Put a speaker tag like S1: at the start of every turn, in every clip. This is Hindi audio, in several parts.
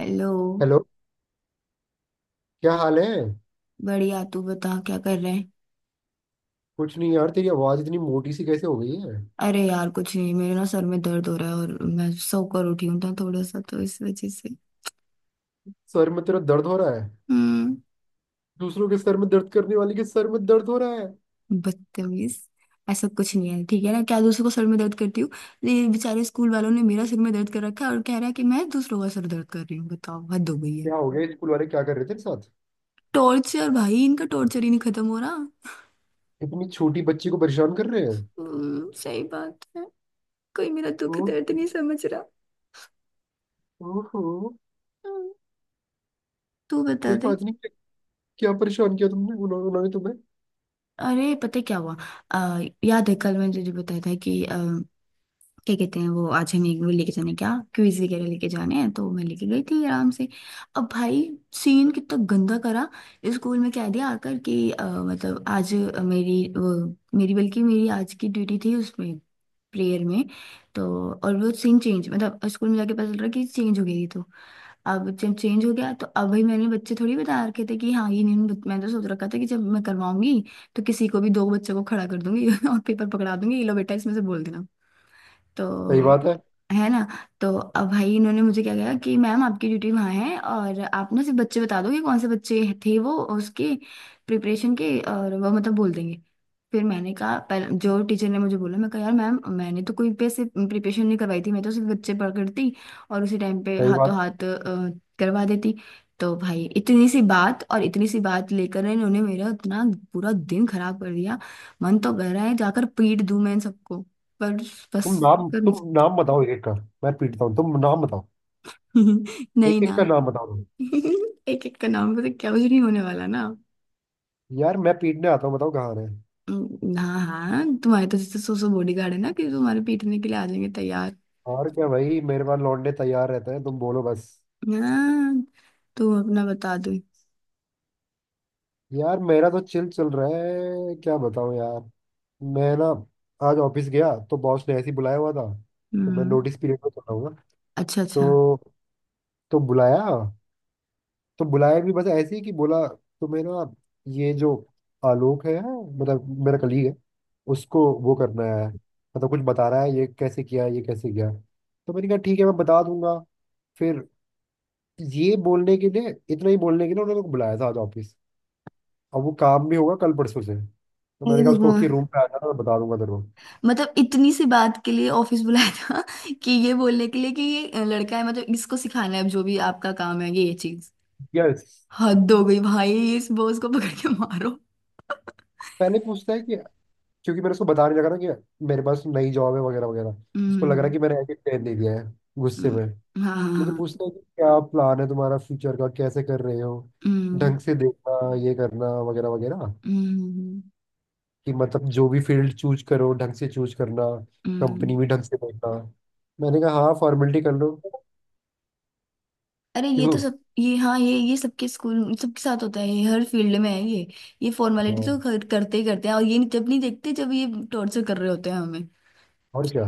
S1: हेलो।
S2: हेलो। क्या हाल है?
S1: बढ़िया तू बता क्या कर रहे हैं।
S2: कुछ नहीं यार, तेरी आवाज इतनी मोटी सी कैसे हो गई है?
S1: अरे यार कुछ नहीं, मेरे ना सर में दर्द हो रहा है और मैं सोकर उठी हूँ ना थोड़ा सा, तो इस वजह से।
S2: सर में तेरा दर्द हो रहा है?
S1: हम्म।
S2: दूसरों के सर में दर्द करने वाले के सर में दर्द हो रहा है।
S1: बदतमीज। ऐसा कुछ नहीं है ठीक है ना, क्या दूसरों को सर में दर्द करती हूँ। ये बेचारे स्कूल वालों ने मेरा सिर में दर्द कर रखा है और कह रहा है कि मैं दूसरों का सर दर्द कर रही हूँ, बताओ हद हो गई है।
S2: क्या हो गया? स्कूल वाले क्या कर रहे थे तेरे साथ?
S1: टॉर्चर भाई, इनका टॉर्चर ही नहीं खत्म हो रहा।
S2: इतनी छोटी बच्ची को परेशान कर रहे हैं।
S1: सही बात है। कोई मेरा दुख
S2: ओ,
S1: दर्द नहीं समझ रहा।
S2: ओहो।
S1: हम्म। तू बता
S2: कोई
S1: दे।
S2: बात नहीं। क्या क्या परेशान किया तुमने? उन्होंने तुम्हें?
S1: अरे पता है क्या हुआ। याद है कल मैंने तुझे बताया था कि क्या कहते हैं वो, आज हमें वो लेके जाने क्या क्विज वगैरह लेके जाने हैं, तो मैं लेके गई थी आराम से। अब भाई सीन कितना गंदा करा। स्कूल में कह दिया आकर कि मतलब आज मेरी वो, मेरी बल्कि मेरी आज की ड्यूटी थी उसमें, प्रेयर में। तो और वो सीन चेंज, मतलब स्कूल में जाके पता चल रहा कि चेंज हो गई थी। तो अब जब चेंज हो गया तो अब भाई मैंने बच्चे थोड़ी बता रखे थे कि हाँ ये नहीं मैंने तो सोच रखा था कि जब मैं करवाऊंगी तो किसी को भी दो बच्चों को खड़ा कर दूंगी और पेपर पकड़ा दूंगी ये लो बेटा इसमें से बोल देना।
S2: सही
S1: तो
S2: बात है।
S1: है ना। तो अब भाई इन्होंने मुझे क्या कहा कि मैम आपकी ड्यूटी वहाँ है और आप ना सिर्फ बच्चे बता दो कि कौन से बच्चे थे वो उसके प्रिपरेशन के और वो मतलब बोल देंगे। फिर मैंने कहा पहले जो टीचर ने मुझे बोला, मैं कहा यार मैम मैंने तो कोई पैसे प्रिपरेशन नहीं करवाई थी, मैं तो सिर्फ बच्चे पकड़ती और उसी टाइम पे
S2: सही
S1: हाथों
S2: बात।
S1: हाथ करवा देती। तो भाई इतनी सी बात, और इतनी सी बात लेकर इन्होंने मेरा इतना पूरा दिन खराब कर दिया। मन तो कर रहा है जाकर पीट दूं मैं इन सबको। पर बस।
S2: तुम नाम,
S1: सब।
S2: तुम नाम बताओ एक एक का। मैं पीटता हूँ, तुम नाम बताओ।
S1: नहीं, नहीं
S2: एक
S1: ना।
S2: एक का नाम बताओ तुम।
S1: एक एक का नाम पता क्या, कुछ नहीं होने वाला ना।
S2: यार मैं पीटने आता हूँ, बताओ कहाँ है।
S1: हाँ हाँ, तुम्हारे तो जैसे सो बॉडीगार्ड है ना कि तुम्हारे पीटने के लिए आ जाएंगे तैयार।
S2: और क्या भाई, मेरे पास लौटने तैयार रहते हैं, तुम बोलो बस।
S1: हाँ। तुम अपना बता दो।
S2: यार मेरा तो चिल चल रहा है, क्या बताऊं यार। मैं ना, आज ऑफिस गया तो बॉस ने ऐसे ही बुलाया हुआ था। तो मैं
S1: हम्म।
S2: नोटिस पीरियड में चला हूँ ना,
S1: अच्छा अच्छा।
S2: तो तो बुलाया। तो बुलाया भी बस ऐसे ही कि बोला तुम्हें ना ये जो आलोक है, मतलब मेरा कलीग है, उसको वो करना है। मतलब कुछ बता रहा है ये कैसे किया, ये कैसे किया। तो मैंने कहा ठीक है, मैं बता दूंगा। फिर ये बोलने के लिए, इतना ही बोलने के लिए उन्होंने मेरे को बुलाया था आज ऑफिस। अब वो काम भी होगा कल परसों से, तो
S1: अरे
S2: मैंने कहा उसको कि
S1: भगवान।
S2: रूम पे आ जाना, मैं बता दूंगा तेरे को।
S1: मतलब इतनी सी बात के लिए ऑफिस बुलाया था कि ये बोलने के लिए कि ये लड़का है मतलब इसको सिखाना है, अब जो भी आपका काम है ये चीज।
S2: यस।
S1: हद हो गई भाई, इस बॉस को पकड़ के मारो।
S2: पहले पूछता है कि क्योंकि मैंने उसको बता नहीं, लगा ना कि मेरे पास नई जॉब है वगैरह वगैरह। उसको लग रहा
S1: हम्म
S2: है कि मैंने एडिट कर दे दिया है गुस्से में।
S1: हाँ हाँ
S2: मुझे
S1: हाँ।
S2: पूछता है कि क्या प्लान है तुम्हारा फ्यूचर का, कैसे कर रहे हो,
S1: हम्म
S2: ढंग से देखना, ये करना वगैरह वगैरह।
S1: हम्म।
S2: कि मतलब जो भी फील्ड चूज करो, ढंग से चूज करना।
S1: हम्म,
S2: कंपनी भी ढंग से देखना। मैंने कहा हाँ, फॉर्मेलिटी कर लो।
S1: अरे ये तो
S2: क्यों?
S1: सब, ये हाँ, ये सबके स्कूल सबके साथ होता है ये, हर फील्ड में है ये। ये फॉर्मेलिटी तो
S2: हाँ।
S1: खैर करते ही करते हैं और ये जब नहीं देखते जब ये टॉर्चर कर रहे होते हैं हमें।
S2: और क्या।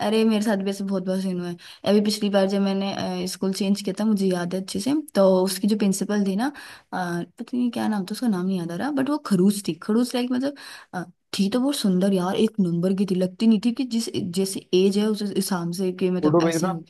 S1: अरे मेरे साथ भी ऐसे बहुत बार सीन हुआ है। अभी पिछली बार जब मैंने स्कूल चेंज किया था मुझे याद है अच्छे से, तो उसकी जो प्रिंसिपल थी ना, पता नहीं क्या नाम था उसका, नाम नहीं याद आ रहा, बट वो खड़ूस थी, खड़ूस लाइक मतलब अ, थी तो बहुत सुंदर यार, एक नंबर की थी, लगती नहीं थी कि जिस जैसे एज है उस हिसाब से कि मतलब
S2: फोटो
S1: ऐसी
S2: भेजना।
S1: हो।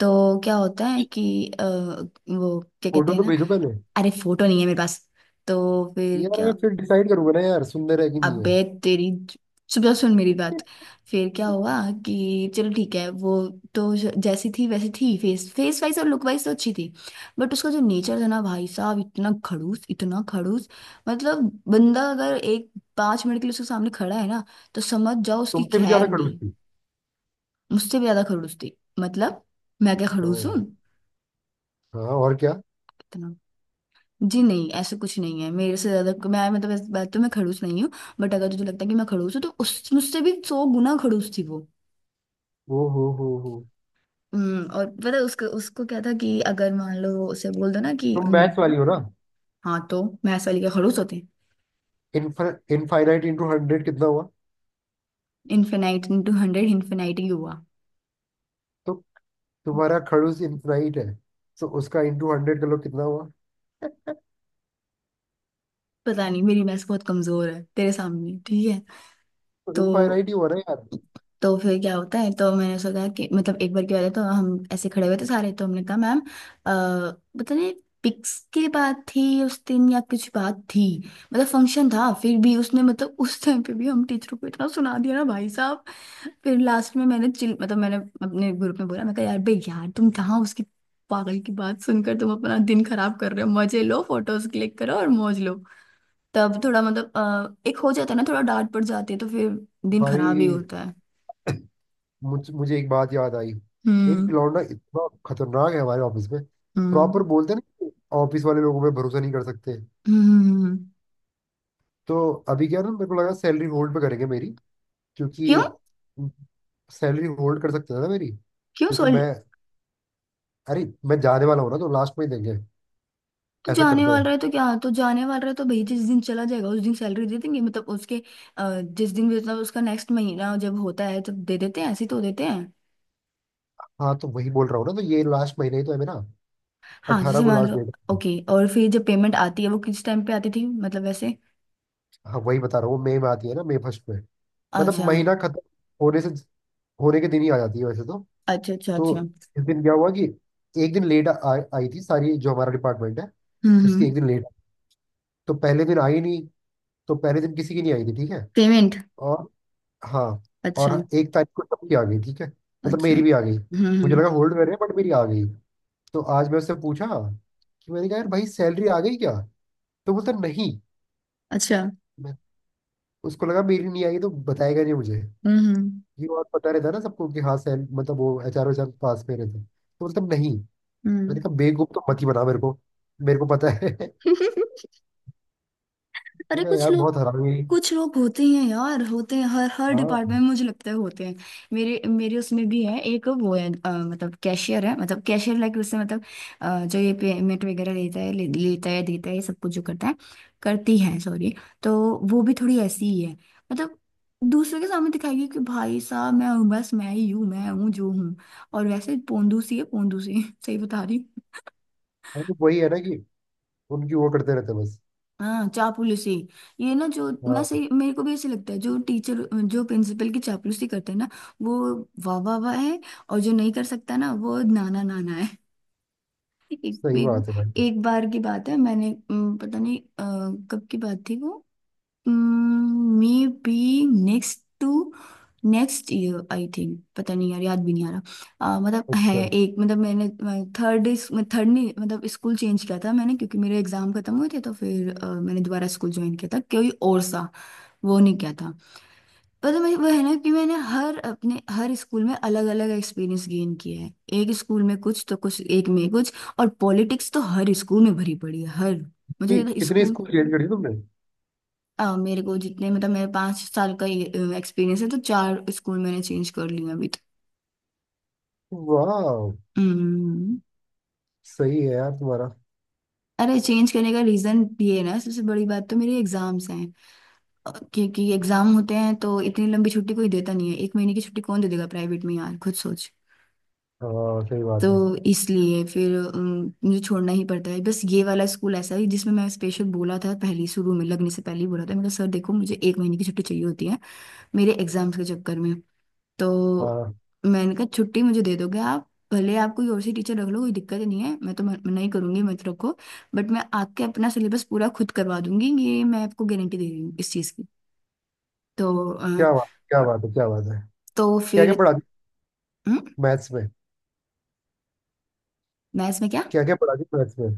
S1: तो क्या होता है कि वो क्या कहते
S2: फोटो
S1: हैं
S2: तो
S1: ना।
S2: भेजो पहले।
S1: अरे फोटो नहीं है मेरे पास। तो फिर
S2: यार
S1: क्या।
S2: मैं फिर डिसाइड करूंगा ना यार, सुंदर है कि नहीं है।
S1: अबे तेरी। सुबह सुन मेरी बात। फिर क्या हुआ कि चलो ठीक है, वो तो जैसी थी वैसी थी, फेस फेस वाइज और लुक वाइज तो अच्छी थी। बट उसका जो नेचर था ना भाई साहब, इतना खड़ूस, इतना खड़ूस, मतलब बंदा अगर एक 5 मिनट के लिए उसके सामने खड़ा है ना, तो समझ जाओ उसकी
S2: तुमसे भी ज्यादा
S1: खैर
S2: खड़ूस
S1: नहीं।
S2: थी।
S1: मुझसे भी ज्यादा खड़ूस थी, मतलब मैं क्या
S2: हाँ
S1: खड़ूस हूँ।
S2: यार। हाँ और क्या।
S1: जी नहीं, ऐसा कुछ नहीं है, मेरे से ज्यादा, मैं मतलब इस बात तो मैं खड़ूस नहीं हूँ। बट अगर तुझे लगता है कि मैं खड़ूस हूँ, तो उस मुझसे भी 100 गुना खड़ूस थी वो।
S2: ओ हो हो।
S1: और पता है उसको उसको क्या था कि अगर मान लो उसे बोल दो ना कि
S2: तुम
S1: हम्म।
S2: मैथ्स वाली हो ना।
S1: हाँ तो मैथ्स वाली के खड़ूस होते हैं।
S2: इनफाइनाइट इंटू हंड्रेड कितना हुआ?
S1: इनफिनाइट इंटू 100, इन्फिनाइट ही हुआ।
S2: तो तुम्हारा खड़ूस इनफाइनाइट है, तो उसका इंटू हंड्रेड कर लो कितना हुआ।
S1: पता नहीं, मेरी मैथ्स बहुत कमजोर है तेरे सामने, ठीक है।
S2: तो
S1: तो
S2: इनफाइनाइट ही हुआ ना यार।
S1: तो फिर क्या होता है, तो मैंने सोचा कि मतलब एक बार की बात है, तो हम ऐसे खड़े हुए थे सारे, तो हमने कहा मैम पता नहीं पिक्स की बात थी उस दिन या कुछ बात थी, मतलब फंक्शन था, फिर भी उसने मतलब उस टाइम पे भी हम टीचरों को इतना सुना दिया ना भाई साहब। फिर लास्ट में मैंने चिल मतलब मैंने अपने ग्रुप में बोला, मैं कहा यार बे यार तुम कहाँ उसकी पागल की बात सुनकर तुम अपना दिन खराब कर रहे हो, मजे लो फोटोज क्लिक करो और मौज लो। तब थोड़ा मतलब एक हो जाता है ना, थोड़ा डांट पड़ जाती है तो फिर दिन खराब ही
S2: भाई
S1: होता है।
S2: मुझे एक बात याद आई। एक
S1: हम्म
S2: लौंडा इतना खतरनाक है हमारे ऑफिस में। प्रॉपर
S1: हम्म
S2: बोलते हैं ना, ऑफिस वाले लोगों पे भरोसा नहीं कर सकते।
S1: हम्म।
S2: तो अभी क्या ना, मेरे को लगा सैलरी होल्ड पे करेंगे मेरी,
S1: क्यों?
S2: क्योंकि सैलरी होल्ड कर सकते थे ना मेरी,
S1: क्यों
S2: क्योंकि
S1: सोल?
S2: मैं, अरे मैं जाने वाला हूँ ना, तो लास्ट में ही देंगे।
S1: तो
S2: ऐसा
S1: जाने
S2: करते
S1: वाला
S2: हैं।
S1: है तो क्या, तो जाने वाला है तो भाई जिस दिन चला जाएगा उस दिन सैलरी दे देंगे मतलब उसके जिस दिन भी, मतलब उसका नेक्स्ट महीना जब होता है तब दे देते हैं, ऐसे ही तो देते हैं।
S2: हाँ तो वही बोल रहा हूँ ना, तो ये लास्ट महीने ही तो है मेरा।
S1: हाँ
S2: 18
S1: जैसे
S2: को
S1: मान
S2: लास्ट
S1: लो।
S2: डेट है।
S1: ओके। और फिर जब पेमेंट आती है वो किस टाइम पे आती थी मतलब वैसे।
S2: हाँ वही बता रहा हूँ, वो मई में आती है ना, मई फर्स्ट में। मतलब
S1: अच्छा
S2: महीना खत्म होने से, होने के दिन ही आ जाती है वैसे तो।
S1: अच्छा अच्छा। अच्छा
S2: तो इस दिन क्या हुआ कि एक दिन लेट आई थी सारी, जो हमारा डिपार्टमेंट है
S1: हम्म।
S2: उसकी, एक दिन लेट। तो पहले दिन आई नहीं, तो पहले दिन किसी की नहीं आई थी ठीक है।
S1: पेमेंट।
S2: और हाँ, और
S1: अच्छा
S2: एक तारीख को सबकी आ गई ठीक है, मतलब
S1: अच्छा।
S2: मेरी भी आ गई। मुझे
S1: हम्म।
S2: लगा होल्ड कर रहे हैं, बट मेरी आ गई। तो आज मैं उससे पूछा कि, मैंने कहा यार भाई सैलरी आ गई क्या? तो बोलता नहीं।
S1: अच्छा।
S2: मैं, उसको लगा मेरी नहीं आई तो बताएगा नहीं मुझे।
S1: हम्म।
S2: ये और पता रहता है ना सबको कि हाँ सैल, मतलब वो एच आर वेचआर पास में रहते हैं। तो बोलता नहीं। मैंने
S1: हम्म।
S2: कहा बेवकूफ तो मत ही बना मेरे को, मेरे को पता है। मैंने
S1: अरे
S2: कहा
S1: कुछ
S2: यार
S1: लोग,
S2: बहुत हरामी हुई।
S1: कुछ लोग होते हैं यार, होते हैं हर हर
S2: हाँ।
S1: डिपार्टमेंट में, मुझे लगता है होते हैं। मेरे मेरे उसमें भी है एक, वो है मतलब कैशियर है, मतलब कैशियर लाइक, उससे मतलब जो ये पेमेंट वगैरह लेता है, लेता है देता है, ये सब कुछ जो करता है, करती है सॉरी। तो वो भी थोड़ी ऐसी ही है, मतलब दूसरे के सामने दिखाएगी कि भाई साहब मैं हूँ, बस मैं ही हूँ, मैं हूँ जो हूँ। और वैसे पोंदू सी है, पोंदू सी सही बता रही।
S2: हाँ, तो वही है ना कि उनकी वो करते रहते हैं बस।
S1: हाँ, चापलूसी। ये ना, जो मैं
S2: हाँ
S1: सही, मेरे को भी ऐसे लगता है, जो टीचर जो प्रिंसिपल की चापलूसी करते हैं ना, वो वाह वाह वाह है। और जो नहीं कर सकता ना, वो नाना नाना है। एक
S2: सही
S1: एक,
S2: बात है भाई।
S1: एक बार की बात है, मैंने पता नहीं कब की बात थी वो, maybe next to, next year I think, पता नहीं यार याद भी नहीं आ रहा, मतलब है
S2: अच्छा
S1: एक, मतलब मैंने थर्ड थर्ड नहीं, मतलब स्कूल चेंज किया था मैंने क्योंकि मेरे एग्जाम खत्म हुए थे, तो फिर मैंने दोबारा स्कूल ज्वाइन किया था कोई और सा, वो नहीं किया था। पर मैं वो है ना कि मैंने हर अपने हर स्कूल में अलग अलग एक्सपीरियंस गेन किया है, एक स्कूल में कुछ तो कुछ एक में कुछ। और पॉलिटिक्स तो हर स्कूल में भरी पड़ी है, हर। मुझे
S2: कितने
S1: स्कूल,
S2: स्कूल चेंज करी तुमने?
S1: मेरे को जितने, मतलब मेरे 5 साल का एक्सपीरियंस है तो चार स्कूल मैंने चेंज कर लिए हैं अभी तक।
S2: वाह।
S1: हम्म।
S2: सही है यार तुम्हारा।
S1: अरे चेंज करने का रीजन ये है ना, सबसे बड़ी बात तो मेरी एग्जाम्स हैं, क्योंकि एग्जाम होते हैं तो इतनी लंबी छुट्टी कोई देता नहीं है, 1 महीने की छुट्टी कौन दे देगा प्राइवेट में यार खुद सोच।
S2: हाँ सही बात है।
S1: तो इसलिए फिर मुझे छोड़ना ही पड़ता है बस। ये वाला स्कूल ऐसा है जिसमें मैं स्पेशल बोला था, पहले शुरू में लगने से पहले ही बोला था मेरा सर, देखो मुझे 1 महीने की छुट्टी चाहिए होती है मेरे एग्जाम्स के चक्कर में। तो
S2: हाँ।
S1: मैंने कहा छुट्टी मुझे दे दोगे आप, भले आप कोई और सी टीचर रख लो, कोई दिक्कत नहीं है, मैं तो मना ही करूंगी, मत रखो। बट मैं आके अपना सिलेबस पूरा खुद करवा दूंगी, ये मैं आपको गारंटी दे रही हूँ इस चीज़ की। तो अ,
S2: क्या बात, क्या बात है, क्या बात है।
S1: तो
S2: क्या
S1: फिर
S2: क्या पढ़ाती?
S1: हम्म,
S2: मैथ्स में?
S1: मैथ्स में क्या,
S2: क्या क्या पढ़ाती मैथ्स में?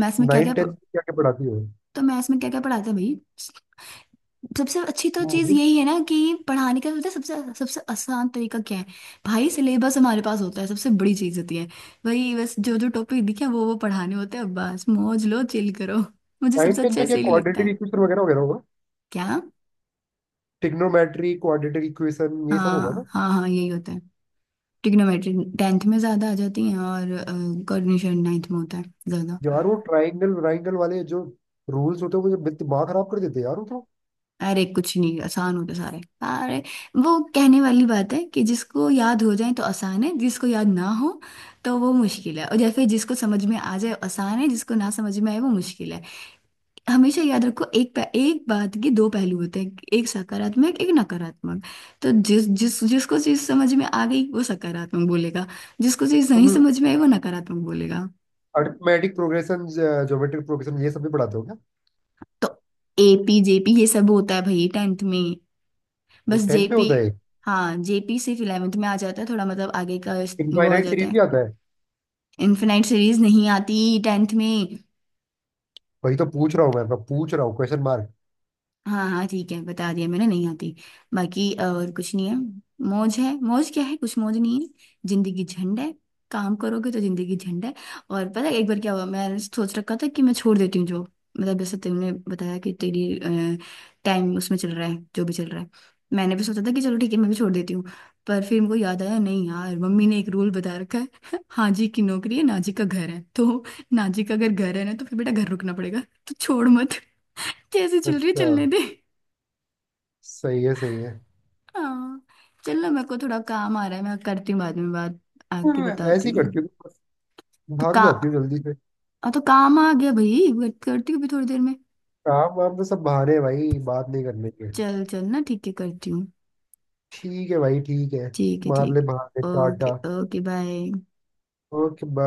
S1: मैथ्स में क्या
S2: नाइन
S1: क्या,
S2: टेंथ में क्या क्या पढ़ाती हो?
S1: तो मैथ्स में क्या क्या पढ़ाते हैं भाई। सबसे अच्छी तो चीज
S2: मुझे
S1: यही है ना कि पढ़ाने का पता है, सबसे सबसे आसान तरीका क्या है। भाई सिलेबस हमारे पास होता है सबसे बड़ी चीज होती है। वही बस, जो जो टॉपिक दिखे वो पढ़ाने होते हैं, बस मौज लो चिल करो। मुझे
S2: नाइन
S1: सबसे
S2: टेंथ
S1: अच्छा
S2: में क्या,
S1: इसीलिए लगता
S2: क्वाड्रेटिक
S1: है।
S2: इक्वेशन वगैरह वगैरह होगा,
S1: क्या।
S2: ट्रिग्नोमेट्री, क्वाड्रेटिक इक्वेशन ये सब होगा
S1: हाँ
S2: ना?
S1: हाँ हाँ, यही होता है। ट्रिग्नोमेट्री टेंथ में ज्यादा आ जाती है, और कोऑर्डिनेशन नाइन्थ में होता है ज्यादा।
S2: यार वो ट्राइंगल व्राइंगल वाले जो रूल्स होते हैं वो मुझे दिमाग खराब कर देते हैं यार वो तो।
S1: अरे कुछ नहीं, आसान होते सारे। अरे वो कहने वाली बात है कि जिसको याद हो जाए तो आसान है, जिसको याद ना हो तो वो मुश्किल है। और या फिर जिसको समझ में आ जाए आसान है, जिसको ना समझ में आए वो मुश्किल है। हमेशा याद रखो एक बात के 2 पहलू होते हैं, एक सकारात्मक एक नकारात्मक। तो जिस जिस जिसको चीज समझ में आ गई वो सकारात्मक बोलेगा, जिसको चीज नहीं
S2: तुम
S1: समझ में आई वो नकारात्मक बोलेगा।
S2: अर्थमेटिक प्रोग्रेशन, ज्योमेट्रिक प्रोग्रेशन ये सब भी पढ़ाते हो क्या?
S1: तो एपी जेपी ये सब होता है भाई टेंथ में।
S2: वो
S1: बस
S2: टेंथ में
S1: जेपी,
S2: होता है?
S1: हाँ जेपी सिर्फ इलेवेंथ में आ जाता है, थोड़ा मतलब आगे का, वो आ
S2: इनफाइनाइट
S1: जाता
S2: सीरीज
S1: है।
S2: भी आता है?
S1: इनफिनाइट सीरीज नहीं आती टेंथ में।
S2: वही तो पूछ रहा हूँ मैं पूछ रहा हूँ क्वेश्चन मार्क।
S1: हाँ हाँ ठीक है, बता दिया मैंने, नहीं आती। बाकी और कुछ नहीं है, मौज है, मौज क्या है, कुछ मौज नहीं है, जिंदगी झंड है। काम करोगे तो जिंदगी झंड है। और पता है एक बार क्या हुआ, मैंने सोच रखा था कि मैं छोड़ देती हूँ जॉब, मतलब जैसे तुमने बताया कि तेरी टाइम उसमें चल रहा है जो भी चल रहा है, मैंने भी सोचा था कि चलो ठीक है मैं भी छोड़ देती हूँ। पर फिर मुझे याद आया, नहीं यार मम्मी ने एक रूल बता रखा है हाँ जी की नौकरी है ना जी का घर है, तो ना जी का अगर घर है ना तो फिर बेटा घर रुकना पड़ेगा, तो छोड़ मत। जैसे चल रही है
S2: अच्छा।
S1: चलने दे।
S2: सही है, सही है।
S1: हाँ। चलो मेरे को थोड़ा काम आ रहा है, मैं करती हूँ बाद में बात, आके
S2: हाँ,
S1: बताती
S2: ऐसे ही
S1: हूँ।
S2: करती हूँ बस,
S1: तो
S2: भाग
S1: का
S2: जाती हूँ जल्दी से।
S1: हाँ तो काम आ गया भाई, बात करती हूँ अभी थोड़ी देर में।
S2: काम वाम तो सब बहाने हैं भाई बात नहीं करने के।
S1: चल चल ना, ठीक है, करती हूँ।
S2: ठीक है भाई, ठीक है। मार
S1: ठीक
S2: ले बहाने,
S1: है ओके।
S2: टाटा।
S1: Okay bye.
S2: ओके।